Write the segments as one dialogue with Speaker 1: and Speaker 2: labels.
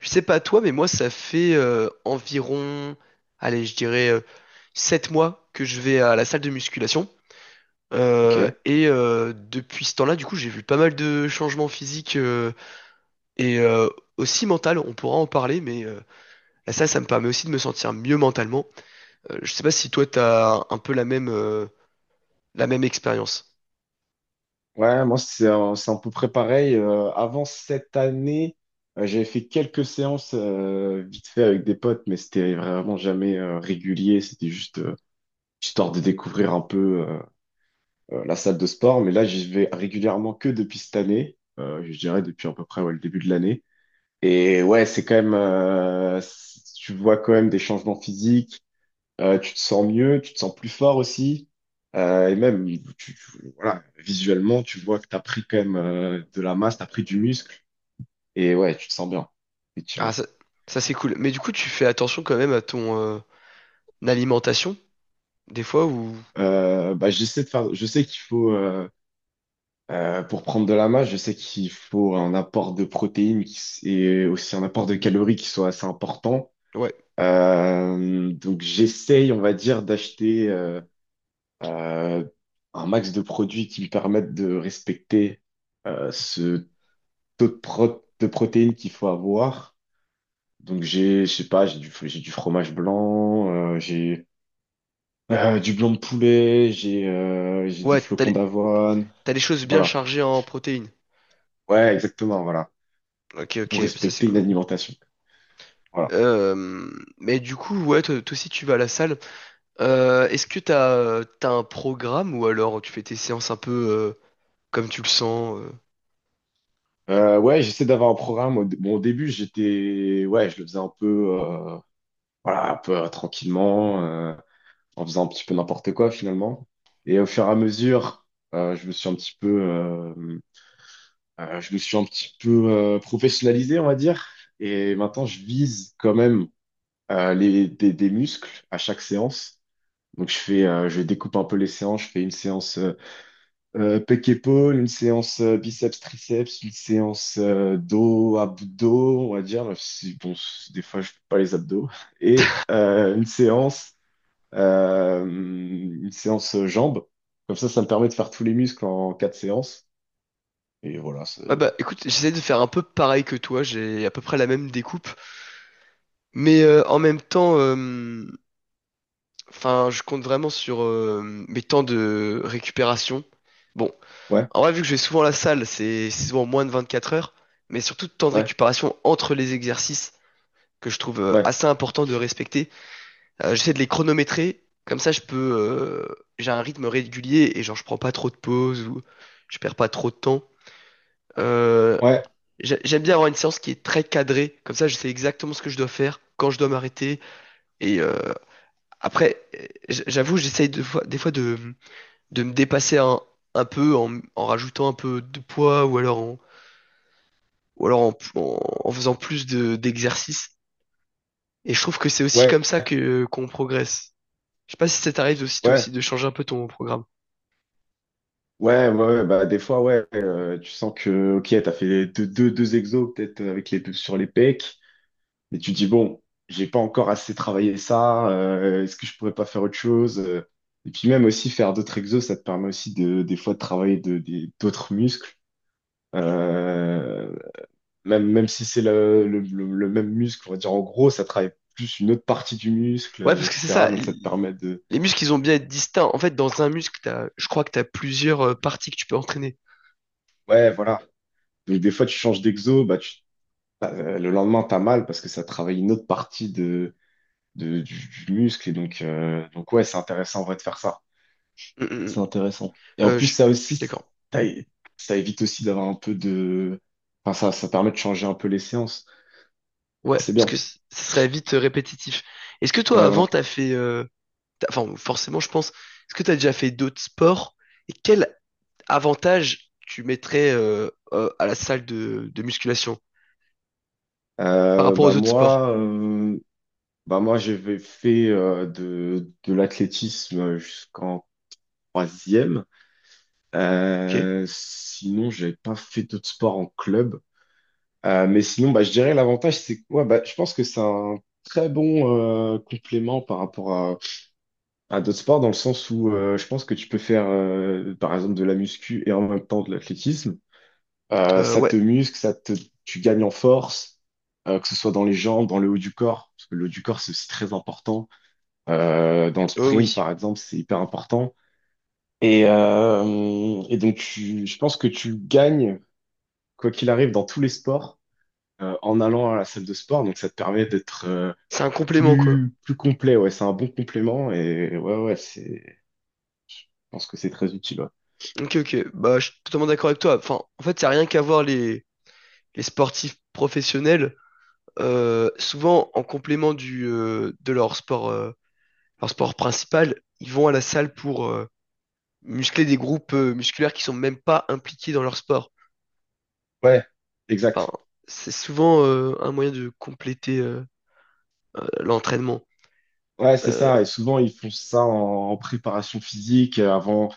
Speaker 1: Je sais pas toi, mais moi, ça fait environ, allez, je dirais 7 mois que je vais à la salle de musculation.
Speaker 2: Ok.
Speaker 1: Depuis ce temps-là, du coup, j'ai vu pas mal de changements physiques et aussi mental. On pourra en parler, mais la salle, ça me permet aussi de me sentir mieux mentalement. Je sais pas si toi, t'as un peu la même expérience.
Speaker 2: Ouais, moi, c'est c'est un peu près pareil. Avant cette année, j'avais fait quelques séances vite fait avec des potes, mais c'était vraiment jamais régulier. C'était juste histoire de découvrir un peu la salle de sport. Mais là, j'y vais régulièrement que depuis cette année. Je dirais depuis à peu près ouais, le début de l'année. Et ouais, c'est quand même, tu vois quand même des changements physiques. Tu te sens mieux, tu te sens plus fort aussi. Et même, tu, tu- voilà, visuellement, tu vois que tu as pris quand même de la masse, tu as pris du muscle. Et ouais, tu te sens bien,
Speaker 1: Ah,
Speaker 2: effectivement.
Speaker 1: ça c'est cool. Mais du coup, tu fais attention quand même à ton alimentation, des fois, ou...
Speaker 2: J'essaie de faire, je sais qu'il faut, pour prendre de la masse, je sais qu'il faut un apport de protéines et aussi un apport de calories qui soit assez important.
Speaker 1: Ouais,
Speaker 2: Donc, j'essaye, on va dire, d'acheter euh, un max de produits qui me permettent de respecter ce taux de protéines qu'il faut avoir. Donc j'ai, je sais pas, j'ai du fromage blanc, j'ai du blanc de poulet, j'ai des
Speaker 1: ouais,
Speaker 2: flocons d'avoine.
Speaker 1: t'as des choses bien
Speaker 2: Voilà.
Speaker 1: chargées en protéines.
Speaker 2: Ouais, exactement, voilà.
Speaker 1: Ok,
Speaker 2: Pour
Speaker 1: ok, ça c'est
Speaker 2: respecter une
Speaker 1: cool.
Speaker 2: alimentation. Voilà.
Speaker 1: Euh, mais du coup, ouais, toi aussi tu vas à la salle. Est-ce que t'as un programme ou alors tu fais tes séances un peu comme tu le sens euh.
Speaker 2: Ouais, j'essaie d'avoir un programme. Bon, au début, j'étais, ouais, je le faisais un peu, voilà, un peu tranquillement, en faisant un petit peu n'importe quoi finalement. Et au fur et à mesure, je me suis un petit peu, je me suis un petit peu professionnalisé, on va dire. Et maintenant, je vise quand même des muscles à chaque séance. Donc, je fais, je découpe un peu les séances. Je fais une séance pec-épaule, une séance biceps-triceps, une séance dos, abdos, on va dire. Même si, bon, des fois, je fais pas les abdos. Et une séance jambes. Comme ça me permet de faire tous les muscles en quatre séances. Et voilà,
Speaker 1: Ouais bah écoute, j'essaie de faire un peu pareil que toi, j'ai à peu près la même découpe, mais en même temps, enfin, je compte vraiment sur mes temps de récupération. Bon,
Speaker 2: ouais,
Speaker 1: en vrai, vu que je vais souvent à la salle, c'est souvent moins de 24 heures, mais surtout de temps de
Speaker 2: ouais,
Speaker 1: récupération entre les exercices que je trouve
Speaker 2: ouais.
Speaker 1: assez important de respecter. J'essaie de les chronométrer, comme ça je peux, j'ai un rythme régulier et genre je prends pas trop de pauses ou je perds pas trop de temps. Euh,
Speaker 2: Ouais,
Speaker 1: J'aime bien avoir une séance qui est très cadrée, comme ça je sais exactement ce que je dois faire, quand je dois m'arrêter. Et euh, J'avoue, des fois de me dépasser un peu en, en rajoutant un peu de poids ou alors en, ou alors en, en- en faisant plus de, d'exercices. Et je trouve que c'est aussi
Speaker 2: ouais,
Speaker 1: comme ça que qu'on progresse. Je sais pas si ça t'arrive aussi toi
Speaker 2: ouais,
Speaker 1: aussi de changer un peu ton programme.
Speaker 2: ouais, ouais, ouais, bah des fois, ouais, tu sens que, ok, t'as fait deux exos peut-être avec les deux sur les pecs, mais tu te dis, bon, j'ai pas encore assez travaillé ça, est-ce que je pourrais pas faire autre chose? Et puis même aussi faire d'autres exos, ça te permet aussi de, des fois de travailler d'autres muscles. Euh, Même, même si c'est le même muscle, on va dire en gros, ça travaille plus une autre partie du muscle,
Speaker 1: Ouais, parce que c'est
Speaker 2: etc.
Speaker 1: ça.
Speaker 2: Donc ça te permet de,
Speaker 1: Les muscles, ils ont bien être distincts. En fait, dans un muscle, je crois que tu as plusieurs parties que tu peux entraîner.
Speaker 2: ouais, voilà. Donc des fois tu changes d'exo, bah tu le lendemain, t'as mal parce que ça travaille une autre partie du muscle. Et donc ouais, c'est intéressant en vrai de faire ça.
Speaker 1: Mm, mm, mm.
Speaker 2: C'est intéressant. Et en
Speaker 1: Euh,
Speaker 2: plus,
Speaker 1: je
Speaker 2: ça
Speaker 1: je suis
Speaker 2: aussi,
Speaker 1: d'accord.
Speaker 2: ça, é- ça évite aussi d'avoir un peu de... Enfin, ça permet de changer un peu les séances. Donc,
Speaker 1: Ouais,
Speaker 2: c'est
Speaker 1: parce
Speaker 2: bien.
Speaker 1: que ça serait vite répétitif. Est-ce que toi,
Speaker 2: Ouais, voilà.
Speaker 1: avant, enfin, forcément, je pense. Est-ce que t'as déjà fait d'autres sports? Et quel avantage tu mettrais à la salle de musculation par
Speaker 2: Euh,
Speaker 1: rapport aux
Speaker 2: bah
Speaker 1: autres sports?
Speaker 2: moi, euh, Bah moi j'avais fait de l'athlétisme jusqu'en troisième.
Speaker 1: Ok.
Speaker 2: Sinon, j'avais pas fait d'autres sports en club. Mais sinon, bah, je dirais l'avantage, c'est quoi? Bah, je pense que c'est un très bon complément par rapport à d'autres sports, dans le sens où je pense que tu peux faire, par exemple, de la muscu et en même temps de l'athlétisme. Ça
Speaker 1: Ouais.
Speaker 2: te muscle, tu gagnes en force, que ce soit dans les jambes, dans le haut du corps, parce que le haut du corps, c'est aussi très important. Dans le
Speaker 1: Oh
Speaker 2: sprint,
Speaker 1: oui.
Speaker 2: par exemple, c'est hyper important. Et donc, je pense que tu gagnes, quoi qu'il arrive, dans tous les sports. En allant à la salle de sport. Donc ça te permet d'être
Speaker 1: C'est un complément, quoi.
Speaker 2: plus, plus complet. Ouais, c'est un bon complément et ouais, ouais, c'est, je pense que c'est très utile. Ouais,
Speaker 1: Ok, ok. Bah, je suis totalement d'accord avec toi. Enfin, en fait, ça n'a rien qu'à voir les sportifs professionnels. Souvent, en complément de leur sport principal, ils vont à la salle pour muscler des groupes musculaires qui sont même pas impliqués dans leur sport.
Speaker 2: ouais,
Speaker 1: Enfin,
Speaker 2: exact.
Speaker 1: c'est souvent un moyen de compléter l'entraînement.
Speaker 2: Ouais, c'est
Speaker 1: Euh,
Speaker 2: ça. Et souvent, ils font ça en, en préparation physique avant.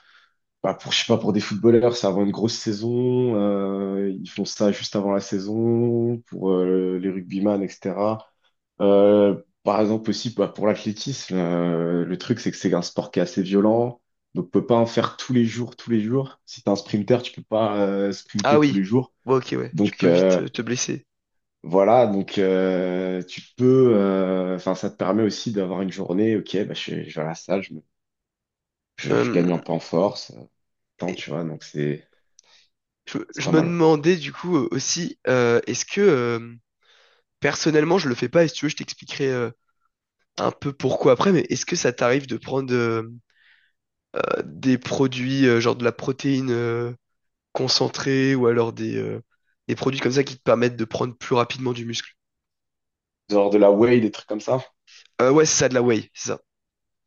Speaker 2: Bah, pour, je sais pas, pour des footballeurs, c'est avant une grosse saison. Ils font ça juste avant la saison, pour les rugbyman, etc. Par exemple aussi bah, pour l'athlétisme, le truc c'est que c'est un sport qui est assez violent, donc on peut pas en faire tous les jours, tous les jours. Si t'es un sprinter, tu peux pas
Speaker 1: ah
Speaker 2: sprinter tous
Speaker 1: oui.
Speaker 2: les jours.
Speaker 1: Ouais, ok, ouais. Tu
Speaker 2: Donc
Speaker 1: peux vite te blesser.
Speaker 2: voilà, donc tu peux, enfin ça te permet aussi d'avoir une journée, ok, bah, je vais à la salle, je
Speaker 1: Euh,
Speaker 2: gagne un peu en force, tant tu vois, donc c'est
Speaker 1: Je
Speaker 2: pas
Speaker 1: me
Speaker 2: mal. Ouais.
Speaker 1: demandais du coup aussi, est-ce que personnellement je le fais pas, et si tu veux, je t'expliquerai un peu pourquoi après, mais est-ce que ça t'arrive de prendre des produits genre de la protéine concentrée ou alors des produits comme ça qui te permettent de prendre plus rapidement du muscle?
Speaker 2: Genre de la whey, des trucs comme ça?
Speaker 1: Ouais, c'est ça, de la whey, c'est ça.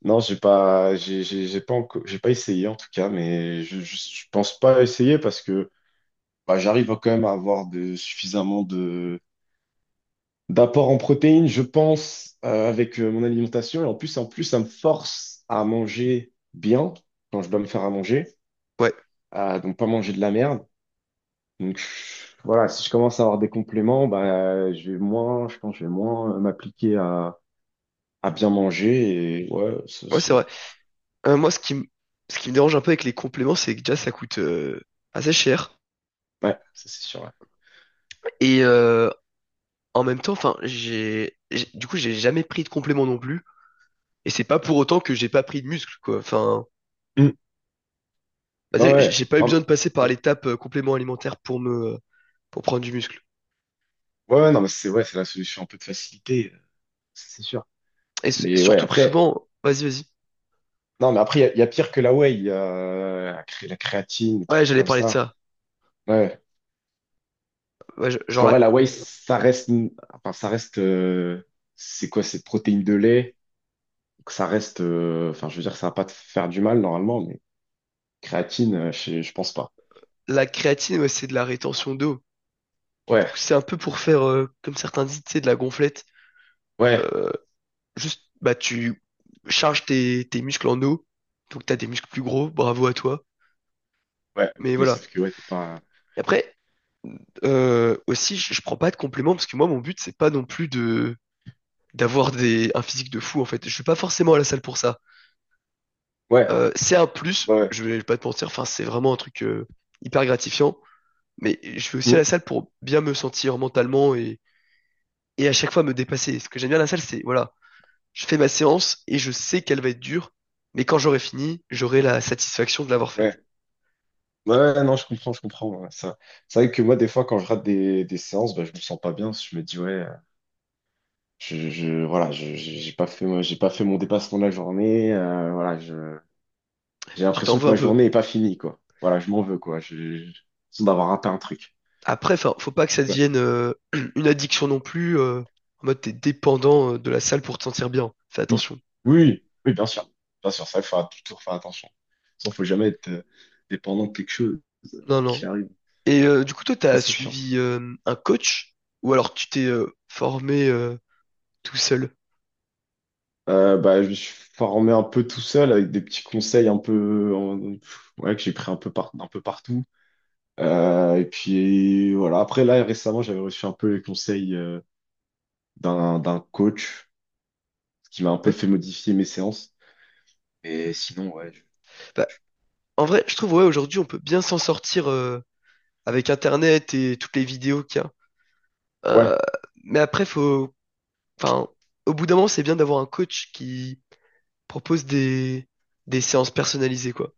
Speaker 2: Non, j'ai pas encore, j'ai pas essayé en tout cas, mais je pense pas essayer parce que bah, j'arrive quand même à avoir de, suffisamment de d'apport en protéines, je pense, avec mon alimentation. Et en plus, ça me force à manger bien quand je dois me faire à manger,
Speaker 1: Ouais,
Speaker 2: donc pas manger de la merde. Donc je- voilà, si je commence à avoir des compléments, bah, je vais moins, je pense, que je vais moins m'appliquer à bien manger et ouais,
Speaker 1: ouais, c'est
Speaker 2: ouais,
Speaker 1: vrai. Moi, ce qui me dérange un peu avec les compléments, c'est que déjà ça coûte assez cher.
Speaker 2: ça c'est sûr. Ouais.
Speaker 1: Et euh, en même temps, enfin, du coup, j'ai jamais pris de compléments non plus. Et c'est pas pour autant que j'ai pas pris de muscle, quoi. Enfin, on
Speaker 2: Ouais,
Speaker 1: va dire que
Speaker 2: ouais.
Speaker 1: j'ai pas eu besoin
Speaker 2: Non,
Speaker 1: de passer par l'étape complément alimentaire pour pour prendre du muscle.
Speaker 2: ouais, ouais, non, mais c'est ouais, c'est la solution un peu de facilité, c'est sûr. Mais ouais,
Speaker 1: Surtout que
Speaker 2: après,
Speaker 1: souvent, vas-y, vas-y.
Speaker 2: non, mais après, il y a pire que la whey, il y a la créatine, des trucs
Speaker 1: Ouais, j'allais
Speaker 2: comme
Speaker 1: parler de
Speaker 2: ça.
Speaker 1: ça.
Speaker 2: Ouais.
Speaker 1: Ouais, je-
Speaker 2: Parce
Speaker 1: genre
Speaker 2: qu'en vrai,
Speaker 1: la,
Speaker 2: la whey, ça reste, enfin, ça reste, c'est quoi, c'est protéines de lait. Donc, ça reste, enfin, je veux dire, ça va pas te faire du mal normalement, mais créatine, je pense pas.
Speaker 1: la créatine, ouais, c'est de la rétention d'eau. Du
Speaker 2: Ouais,
Speaker 1: coup, c'est un peu pour faire, comme certains disent, tu sais, de la gonflette.
Speaker 2: ouais,
Speaker 1: Juste, bah, tu charges tes muscles en eau. Donc, t'as des muscles plus gros. Bravo à toi.
Speaker 2: ouais.
Speaker 1: Mais
Speaker 2: Mais
Speaker 1: voilà.
Speaker 2: sauf que ouais, t'es pas,
Speaker 1: Et après, aussi, je prends pas de compléments parce que moi, mon but, c'est pas non plus de d'avoir des un physique de fou en fait. Je suis pas forcément à la salle pour ça.
Speaker 2: ouais,
Speaker 1: C'est un
Speaker 2: ouais,
Speaker 1: plus,
Speaker 2: ouais.
Speaker 1: je vais pas te mentir, enfin c'est vraiment un truc hyper gratifiant, mais je vais aussi à la
Speaker 2: Mm,
Speaker 1: salle pour bien me sentir mentalement et à chaque fois me dépasser. Ce que j'aime bien à la salle, c'est voilà, je fais ma séance et je sais qu'elle va être dure, mais quand j'aurai fini, j'aurai la satisfaction de l'avoir faite.
Speaker 2: ouais. Ouais, ouais, non, je comprends, je comprends. Ouais, ça. C'est vrai que moi, des fois, quand je rate des séances, bah, je me sens pas bien. Je me dis, ouais, voilà, j'ai pas fait, moi, j'ai pas fait mon dépassement de la journée. Voilà, j'ai
Speaker 1: Tu t'en
Speaker 2: l'impression que
Speaker 1: veux un
Speaker 2: ma
Speaker 1: peu.
Speaker 2: journée est pas finie, quoi. Voilà, je m'en veux, quoi. J'ai l'impression d'avoir raté un truc.
Speaker 1: Après, enfin, faut pas que ça
Speaker 2: Ouais,
Speaker 1: devienne une addiction non plus. En mode, t'es dépendant de la salle pour te sentir bien. Fais
Speaker 2: oui,
Speaker 1: attention.
Speaker 2: oui, oui, bien sûr. Bien sûr, ça, il faut toujours faire attention. Ça, faut jamais être dépendant de quelque chose
Speaker 1: Non,
Speaker 2: qui
Speaker 1: non.
Speaker 2: arrive.
Speaker 1: Et du coup, toi,
Speaker 2: Ça,
Speaker 1: t'as
Speaker 2: c'est sûr.
Speaker 1: suivi un coach ou alors tu t'es formé tout seul?
Speaker 2: Je me suis formé un peu tout seul avec des petits conseils un peu ouais, que j'ai pris un peu par, un peu partout. Et puis voilà, après là récemment j'avais reçu un peu les conseils d'un coach ce qui m'a un peu
Speaker 1: Ouais.
Speaker 2: fait modifier mes séances. Et sinon ouais, je-
Speaker 1: Bah, en vrai, je trouve ouais, aujourd'hui, on peut bien s'en sortir avec Internet et toutes les vidéos qu'il y a.
Speaker 2: ouais,
Speaker 1: Euh, mais après, faut, enfin, au bout d'un moment, c'est bien d'avoir un coach qui propose des séances personnalisées, quoi.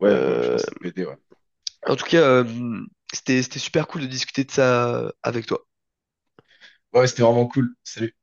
Speaker 2: ouais, ouais, je
Speaker 1: Euh,
Speaker 2: pense que ça peut aider ouais.
Speaker 1: En tout cas, c'était super cool de discuter de ça avec toi.
Speaker 2: Ouais, c'était vraiment cool. Salut.